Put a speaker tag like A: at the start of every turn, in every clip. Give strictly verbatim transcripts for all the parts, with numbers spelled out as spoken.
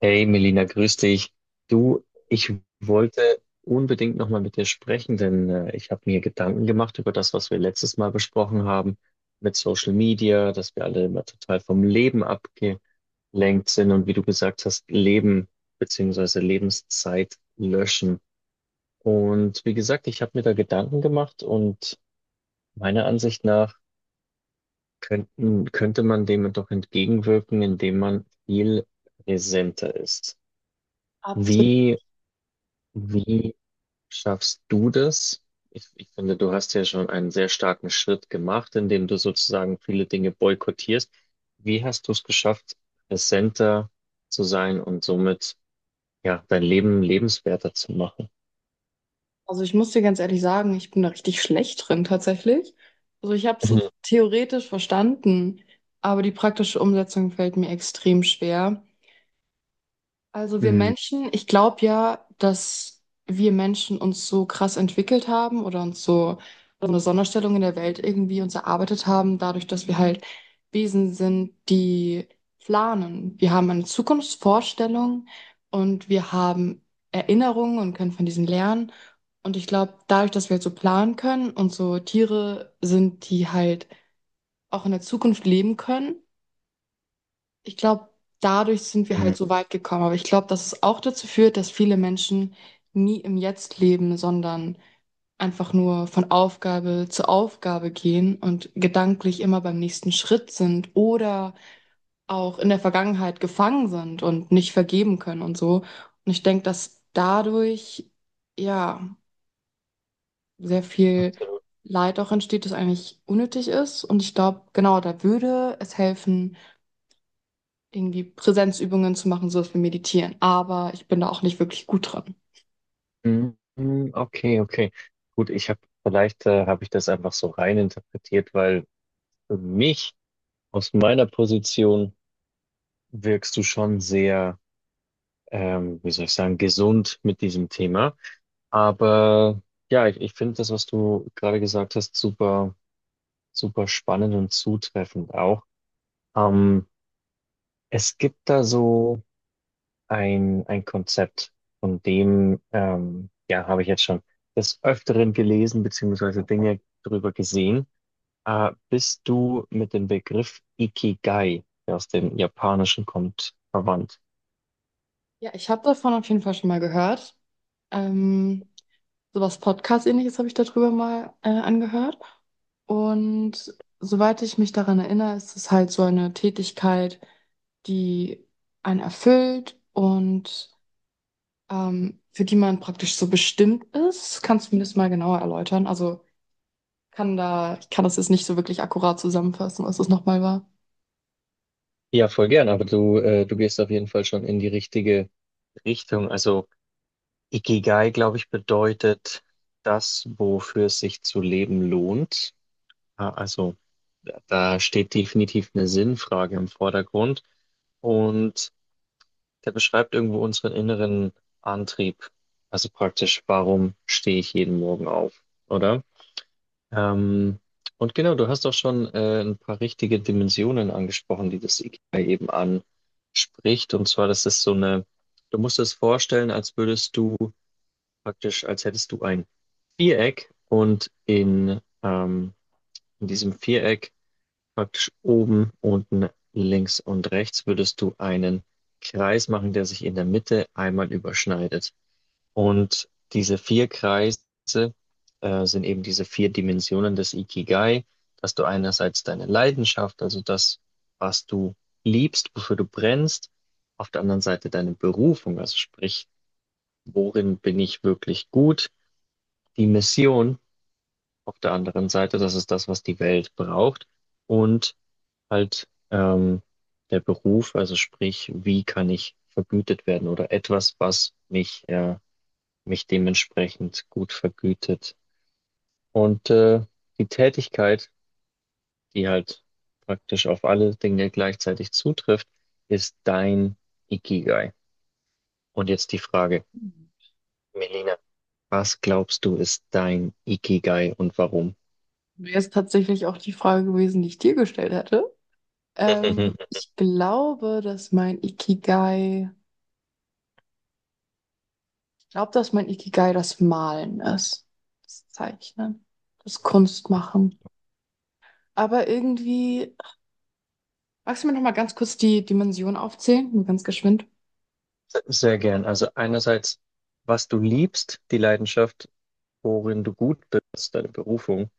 A: Hey Melina, grüß dich. Du, ich wollte unbedingt nochmal mit dir sprechen, denn äh, ich habe mir Gedanken gemacht über das, was wir letztes Mal besprochen haben mit Social Media, dass wir alle immer total vom Leben abgelenkt sind und wie du gesagt hast, Leben beziehungsweise Lebenszeit löschen. Und wie gesagt, ich habe mir da Gedanken gemacht und meiner Ansicht nach könnten, könnte man dem doch entgegenwirken, indem man viel präsenter ist.
B: Absolut.
A: Wie Wie schaffst du das? Ich, ich finde, du hast ja schon einen sehr starken Schritt gemacht, indem du sozusagen viele Dinge boykottierst. Wie hast du es geschafft, präsenter zu sein und somit ja dein Leben lebenswerter zu machen?
B: Also ich muss dir ganz ehrlich sagen, ich bin da richtig schlecht drin tatsächlich. Also ich habe es so theoretisch verstanden, aber die praktische Umsetzung fällt mir extrem schwer. Also wir
A: Mhm,
B: Menschen, ich glaube ja, dass wir Menschen uns so krass entwickelt haben oder uns so so eine Sonderstellung in der Welt irgendwie uns erarbeitet haben, dadurch, dass wir halt Wesen sind, die planen. Wir haben eine Zukunftsvorstellung und wir haben Erinnerungen und können von diesen lernen. Und ich glaube, dadurch, dass wir halt so planen können und so Tiere sind, die halt auch in der Zukunft leben können, ich glaube, dadurch sind wir
A: mhm,
B: halt so weit gekommen. Aber ich glaube, dass es auch dazu führt, dass viele Menschen nie im Jetzt leben, sondern einfach nur von Aufgabe zu Aufgabe gehen und gedanklich immer beim nächsten Schritt sind oder auch in der Vergangenheit gefangen sind und nicht vergeben können und so. Und ich denke, dass dadurch ja sehr viel
A: absolut.
B: Leid auch entsteht, das eigentlich unnötig ist. Und ich glaube, genau, da würde es helfen irgendwie Präsenzübungen zu machen, sowas wie Meditieren. Aber ich bin da auch nicht wirklich gut dran.
A: Mhm, okay, okay. Gut, ich habe vielleicht äh, habe ich das einfach so rein interpretiert, weil für mich aus meiner Position wirkst du schon sehr ähm, wie soll ich sagen, gesund mit diesem Thema. Aber ja, ich, ich finde das, was du gerade gesagt hast, super, super spannend und zutreffend auch. Ähm, es gibt da so ein, ein Konzept, von dem, ähm, ja, habe ich jetzt schon des Öfteren gelesen, beziehungsweise Dinge darüber gesehen. Äh, bist du mit dem Begriff Ikigai, der aus dem Japanischen kommt, verwandt?
B: Ja, ich habe davon auf jeden Fall schon mal gehört. Ähm, Sowas Podcast-ähnliches habe ich darüber mal äh, angehört. Und soweit ich mich daran erinnere, ist es halt so eine Tätigkeit, die einen erfüllt und ähm, für die man praktisch so bestimmt ist. Kannst du mir das mal genauer erläutern? Also kann da, ich kann das jetzt nicht so wirklich akkurat zusammenfassen, was das nochmal
A: Ja, voll gern, aber du, äh, du gehst auf jeden Fall schon in die richtige Richtung. Also Ikigai, glaube ich, bedeutet das, wofür es sich zu leben lohnt. Ah, also da da steht definitiv eine Sinnfrage im Vordergrund und der beschreibt irgendwo unseren inneren Antrieb. Also praktisch, warum stehe ich jeden Morgen auf, oder? Ähm, und genau, du hast auch schon äh, ein paar richtige Dimensionen angesprochen, die das IKEA eben anspricht. Und zwar, das ist so eine, du musst es vorstellen, als würdest du praktisch, als hättest du ein Viereck und in, ähm, in diesem Viereck praktisch oben, unten, links und rechts würdest du einen Kreis machen, der sich in der Mitte einmal überschneidet. Und diese vier Kreise äh, sind eben diese vier Dimensionen des Ikigai, dass du einerseits deine Leidenschaft, also das, was du liebst, wofür du brennst, auf der anderen Seite deine Berufung, also sprich, worin bin ich wirklich gut, die Mission auf der anderen Seite, das ist das, was die Welt braucht, und halt ähm, der Beruf, also sprich, wie kann ich vergütet werden oder etwas, was mich äh, mich dementsprechend gut vergütet. Und äh, die Tätigkeit, die halt praktisch auf alle Dinge gleichzeitig zutrifft, ist dein Ikigai. Und jetzt die Frage,
B: war.
A: Melina, was glaubst du, ist dein Ikigai und warum?
B: Wäre es tatsächlich auch die Frage gewesen, die ich dir gestellt hätte. Ähm, ich glaube, dass mein Ikigai, ich glaube, dass mein Ikigai das Malen ist. Das Zeichnen, das Kunstmachen. Aber irgendwie, magst du mir noch mal ganz kurz die Dimension aufzählen? Nur ganz geschwind.
A: Sehr gern. Also einerseits, was du liebst, die Leidenschaft, worin du gut bist, deine Berufung,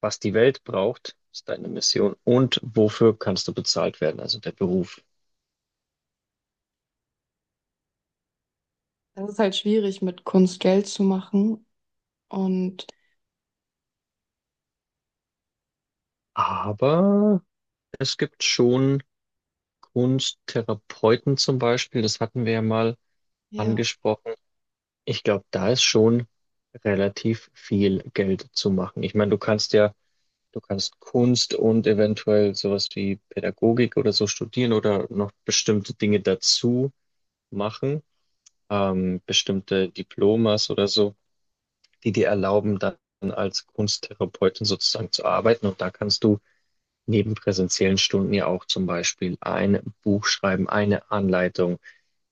A: was die Welt braucht, ist deine Mission und wofür kannst du bezahlt werden, also der Beruf.
B: Das ist halt schwierig, mit Kunst Geld zu machen. Und
A: Aber es gibt schon Kunsttherapeuten zum Beispiel, das hatten wir ja mal
B: ja,
A: angesprochen. Ich glaube, da ist schon relativ viel Geld zu machen. Ich meine, du kannst ja, du kannst Kunst und eventuell sowas wie Pädagogik oder so studieren oder noch bestimmte Dinge dazu machen, ähm, bestimmte Diplomas oder so, die dir erlauben, dann als Kunsttherapeutin sozusagen zu arbeiten. Und da kannst du neben präsenziellen Stunden ja auch zum Beispiel ein Buch schreiben, eine Anleitung,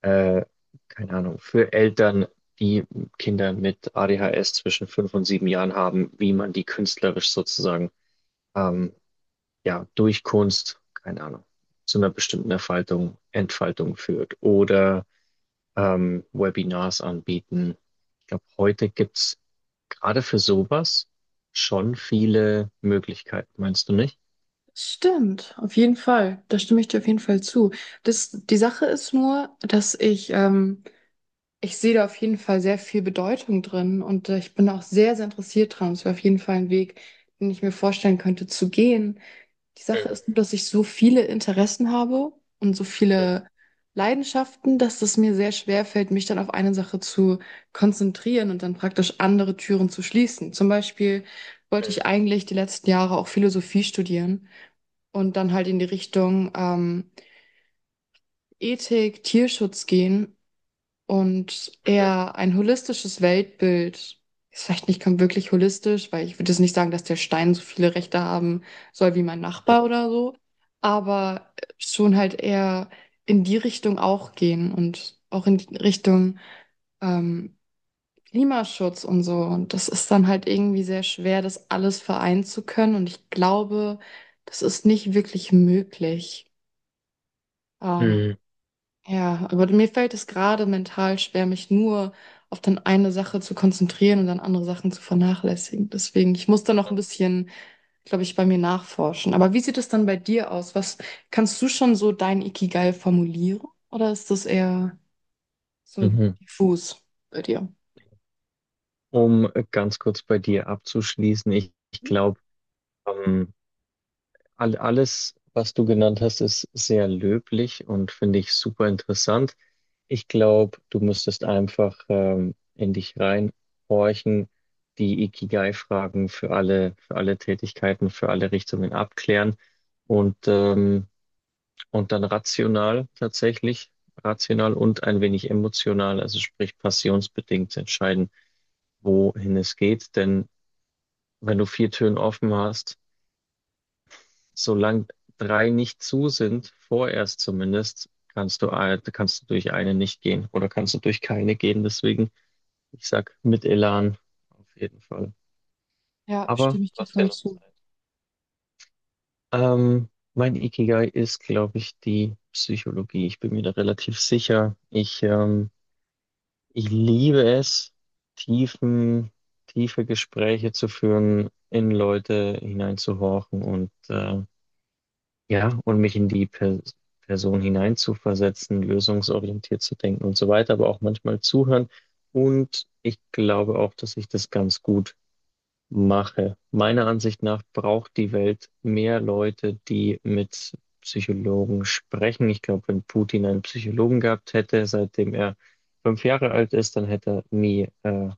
A: äh, keine Ahnung, für Eltern, die Kinder mit A D H S zwischen fünf und sieben Jahren haben, wie man die künstlerisch sozusagen, ähm, ja, durch Kunst, keine Ahnung, zu einer bestimmten Erfaltung, Entfaltung führt oder ähm, Webinars anbieten. Ich glaube, heute gibt's gerade für sowas schon viele Möglichkeiten, meinst du nicht?
B: stimmt, auf jeden Fall. Da stimme ich dir auf jeden Fall zu. Das, die Sache ist nur, dass ich, ähm, ich sehe da auf jeden Fall sehr viel Bedeutung drin und äh, ich bin auch sehr, sehr interessiert dran. Es wäre auf jeden Fall ein Weg, den ich mir vorstellen könnte zu gehen. Die Sache
A: Mhm,
B: ist nur, dass ich so viele Interessen habe und so
A: mhm,
B: viele Leidenschaften, dass es mir sehr schwer fällt, mich dann auf eine Sache zu konzentrieren und dann praktisch andere Türen zu schließen. Zum Beispiel wollte ich eigentlich die letzten Jahre auch Philosophie studieren und dann halt in die Richtung ähm, Ethik, Tierschutz gehen und
A: mhm.
B: eher ein holistisches Weltbild. Ist vielleicht nicht kom- wirklich holistisch, weil ich würde jetzt nicht sagen, dass der Stein so viele Rechte haben soll wie mein Nachbar oder so, aber äh, schon halt eher in die Richtung auch gehen und auch in die Richtung ähm, Klimaschutz und so. Und das ist dann halt irgendwie sehr schwer, das alles vereinen zu können. Und ich glaube, das ist nicht wirklich möglich. Ähm,
A: Mhm.
B: ja, aber mir fällt es gerade mental schwer, mich nur auf dann eine Sache zu konzentrieren und dann andere Sachen zu vernachlässigen. Deswegen, ich muss da noch ein bisschen, glaube ich, bei mir nachforschen. Aber wie sieht es dann bei dir aus? Was kannst du schon so dein Ikigai formulieren? Oder ist das eher so
A: Mhm.
B: diffus bei dir?
A: Um ganz kurz bei dir abzuschließen, ich, ich glaube, ähm, all, alles, was du genannt hast, ist sehr löblich und finde ich super interessant. Ich glaube, du müsstest einfach ähm, in dich reinhorchen, die Ikigai-Fragen für alle, für alle Tätigkeiten, für alle Richtungen abklären und, ähm, und dann rational tatsächlich, rational und ein wenig emotional, also sprich passionsbedingt entscheiden, wohin es geht. Denn wenn du vier Türen offen hast, solange drei nicht zu sind, vorerst zumindest, kannst du, ein- kannst du durch eine nicht gehen oder kannst du durch keine gehen. Deswegen, ich sag mit Elan auf jeden Fall.
B: Ja,
A: Aber
B: stimme ich
A: du
B: dir
A: hast ja
B: voll
A: noch
B: zu.
A: Zeit. Ähm, mein Ikigai ist, glaube ich, die Psychologie. Ich bin mir da relativ sicher. Ich ähm, Ich liebe es, tiefen, tiefe Gespräche zu führen, in Leute hineinzuhorchen und äh, ja, und mich in die per Person hineinzuversetzen, lösungsorientiert zu denken und so weiter, aber auch manchmal zuhören. Und ich glaube auch, dass ich das ganz gut mache. Meiner Ansicht nach braucht die Welt mehr Leute, die mit Psychologen sprechen. Ich glaube, wenn Putin einen Psychologen gehabt hätte, seitdem er fünf Jahre alt ist, dann hätte er nie, äh,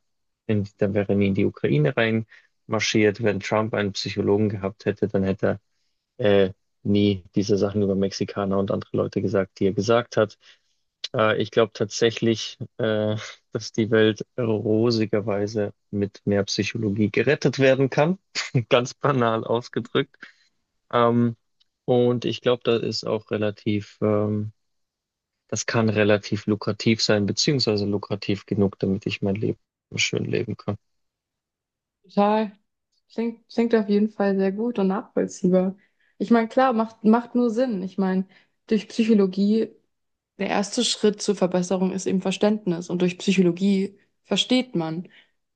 A: in, dann wäre er nie in die Ukraine reinmarschiert. Wenn Trump einen Psychologen gehabt hätte, dann hätte er äh, nie diese Sachen über Mexikaner und andere Leute gesagt, die er gesagt hat. Äh, ich glaube tatsächlich, äh, dass die Welt rosigerweise mit mehr Psychologie gerettet werden kann. Ganz banal ausgedrückt. Ähm, und ich glaube, das ist auch relativ, ähm, das kann relativ lukrativ sein, beziehungsweise lukrativ genug, damit ich mein Leben schön leben kann.
B: Total. Klingt, klingt auf jeden Fall sehr gut und nachvollziehbar. Ich meine, klar, macht, macht nur Sinn. Ich meine, durch Psychologie. Der erste Schritt zur Verbesserung ist eben Verständnis. Und durch Psychologie versteht man.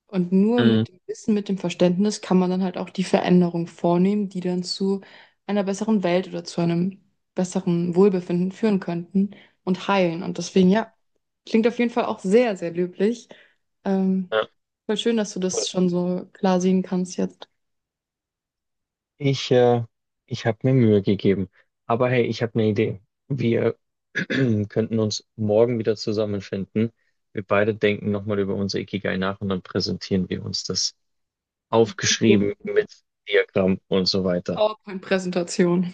B: Und nur
A: Mhm.
B: mit dem Wissen, mit dem Verständnis kann man dann halt auch die Veränderung vornehmen, die dann zu einer besseren Welt oder zu einem besseren Wohlbefinden führen könnten und heilen. Und deswegen, ja, klingt auf jeden Fall auch sehr, sehr löblich. Ähm,
A: Ja.
B: voll schön, dass du das schon so klar sehen kannst jetzt.
A: Ich, äh, ich habe mir Mühe gegeben. Aber hey, ich habe eine Idee. Wir könnten uns morgen wieder zusammenfinden. Wir beide denken nochmal über unser Ikigai nach und dann präsentieren wir uns das aufgeschrieben mit Diagramm und so weiter.
B: PowerPoint-Präsentation.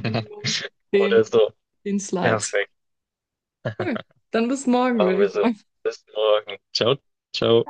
B: Minimum
A: Oder
B: 10,
A: so.
B: zehn Slides.
A: Perfekt.
B: Cool. Dann bis morgen,
A: Machen
B: würde
A: wir
B: ich
A: so.
B: sagen.
A: Bis morgen. Ciao, ciao.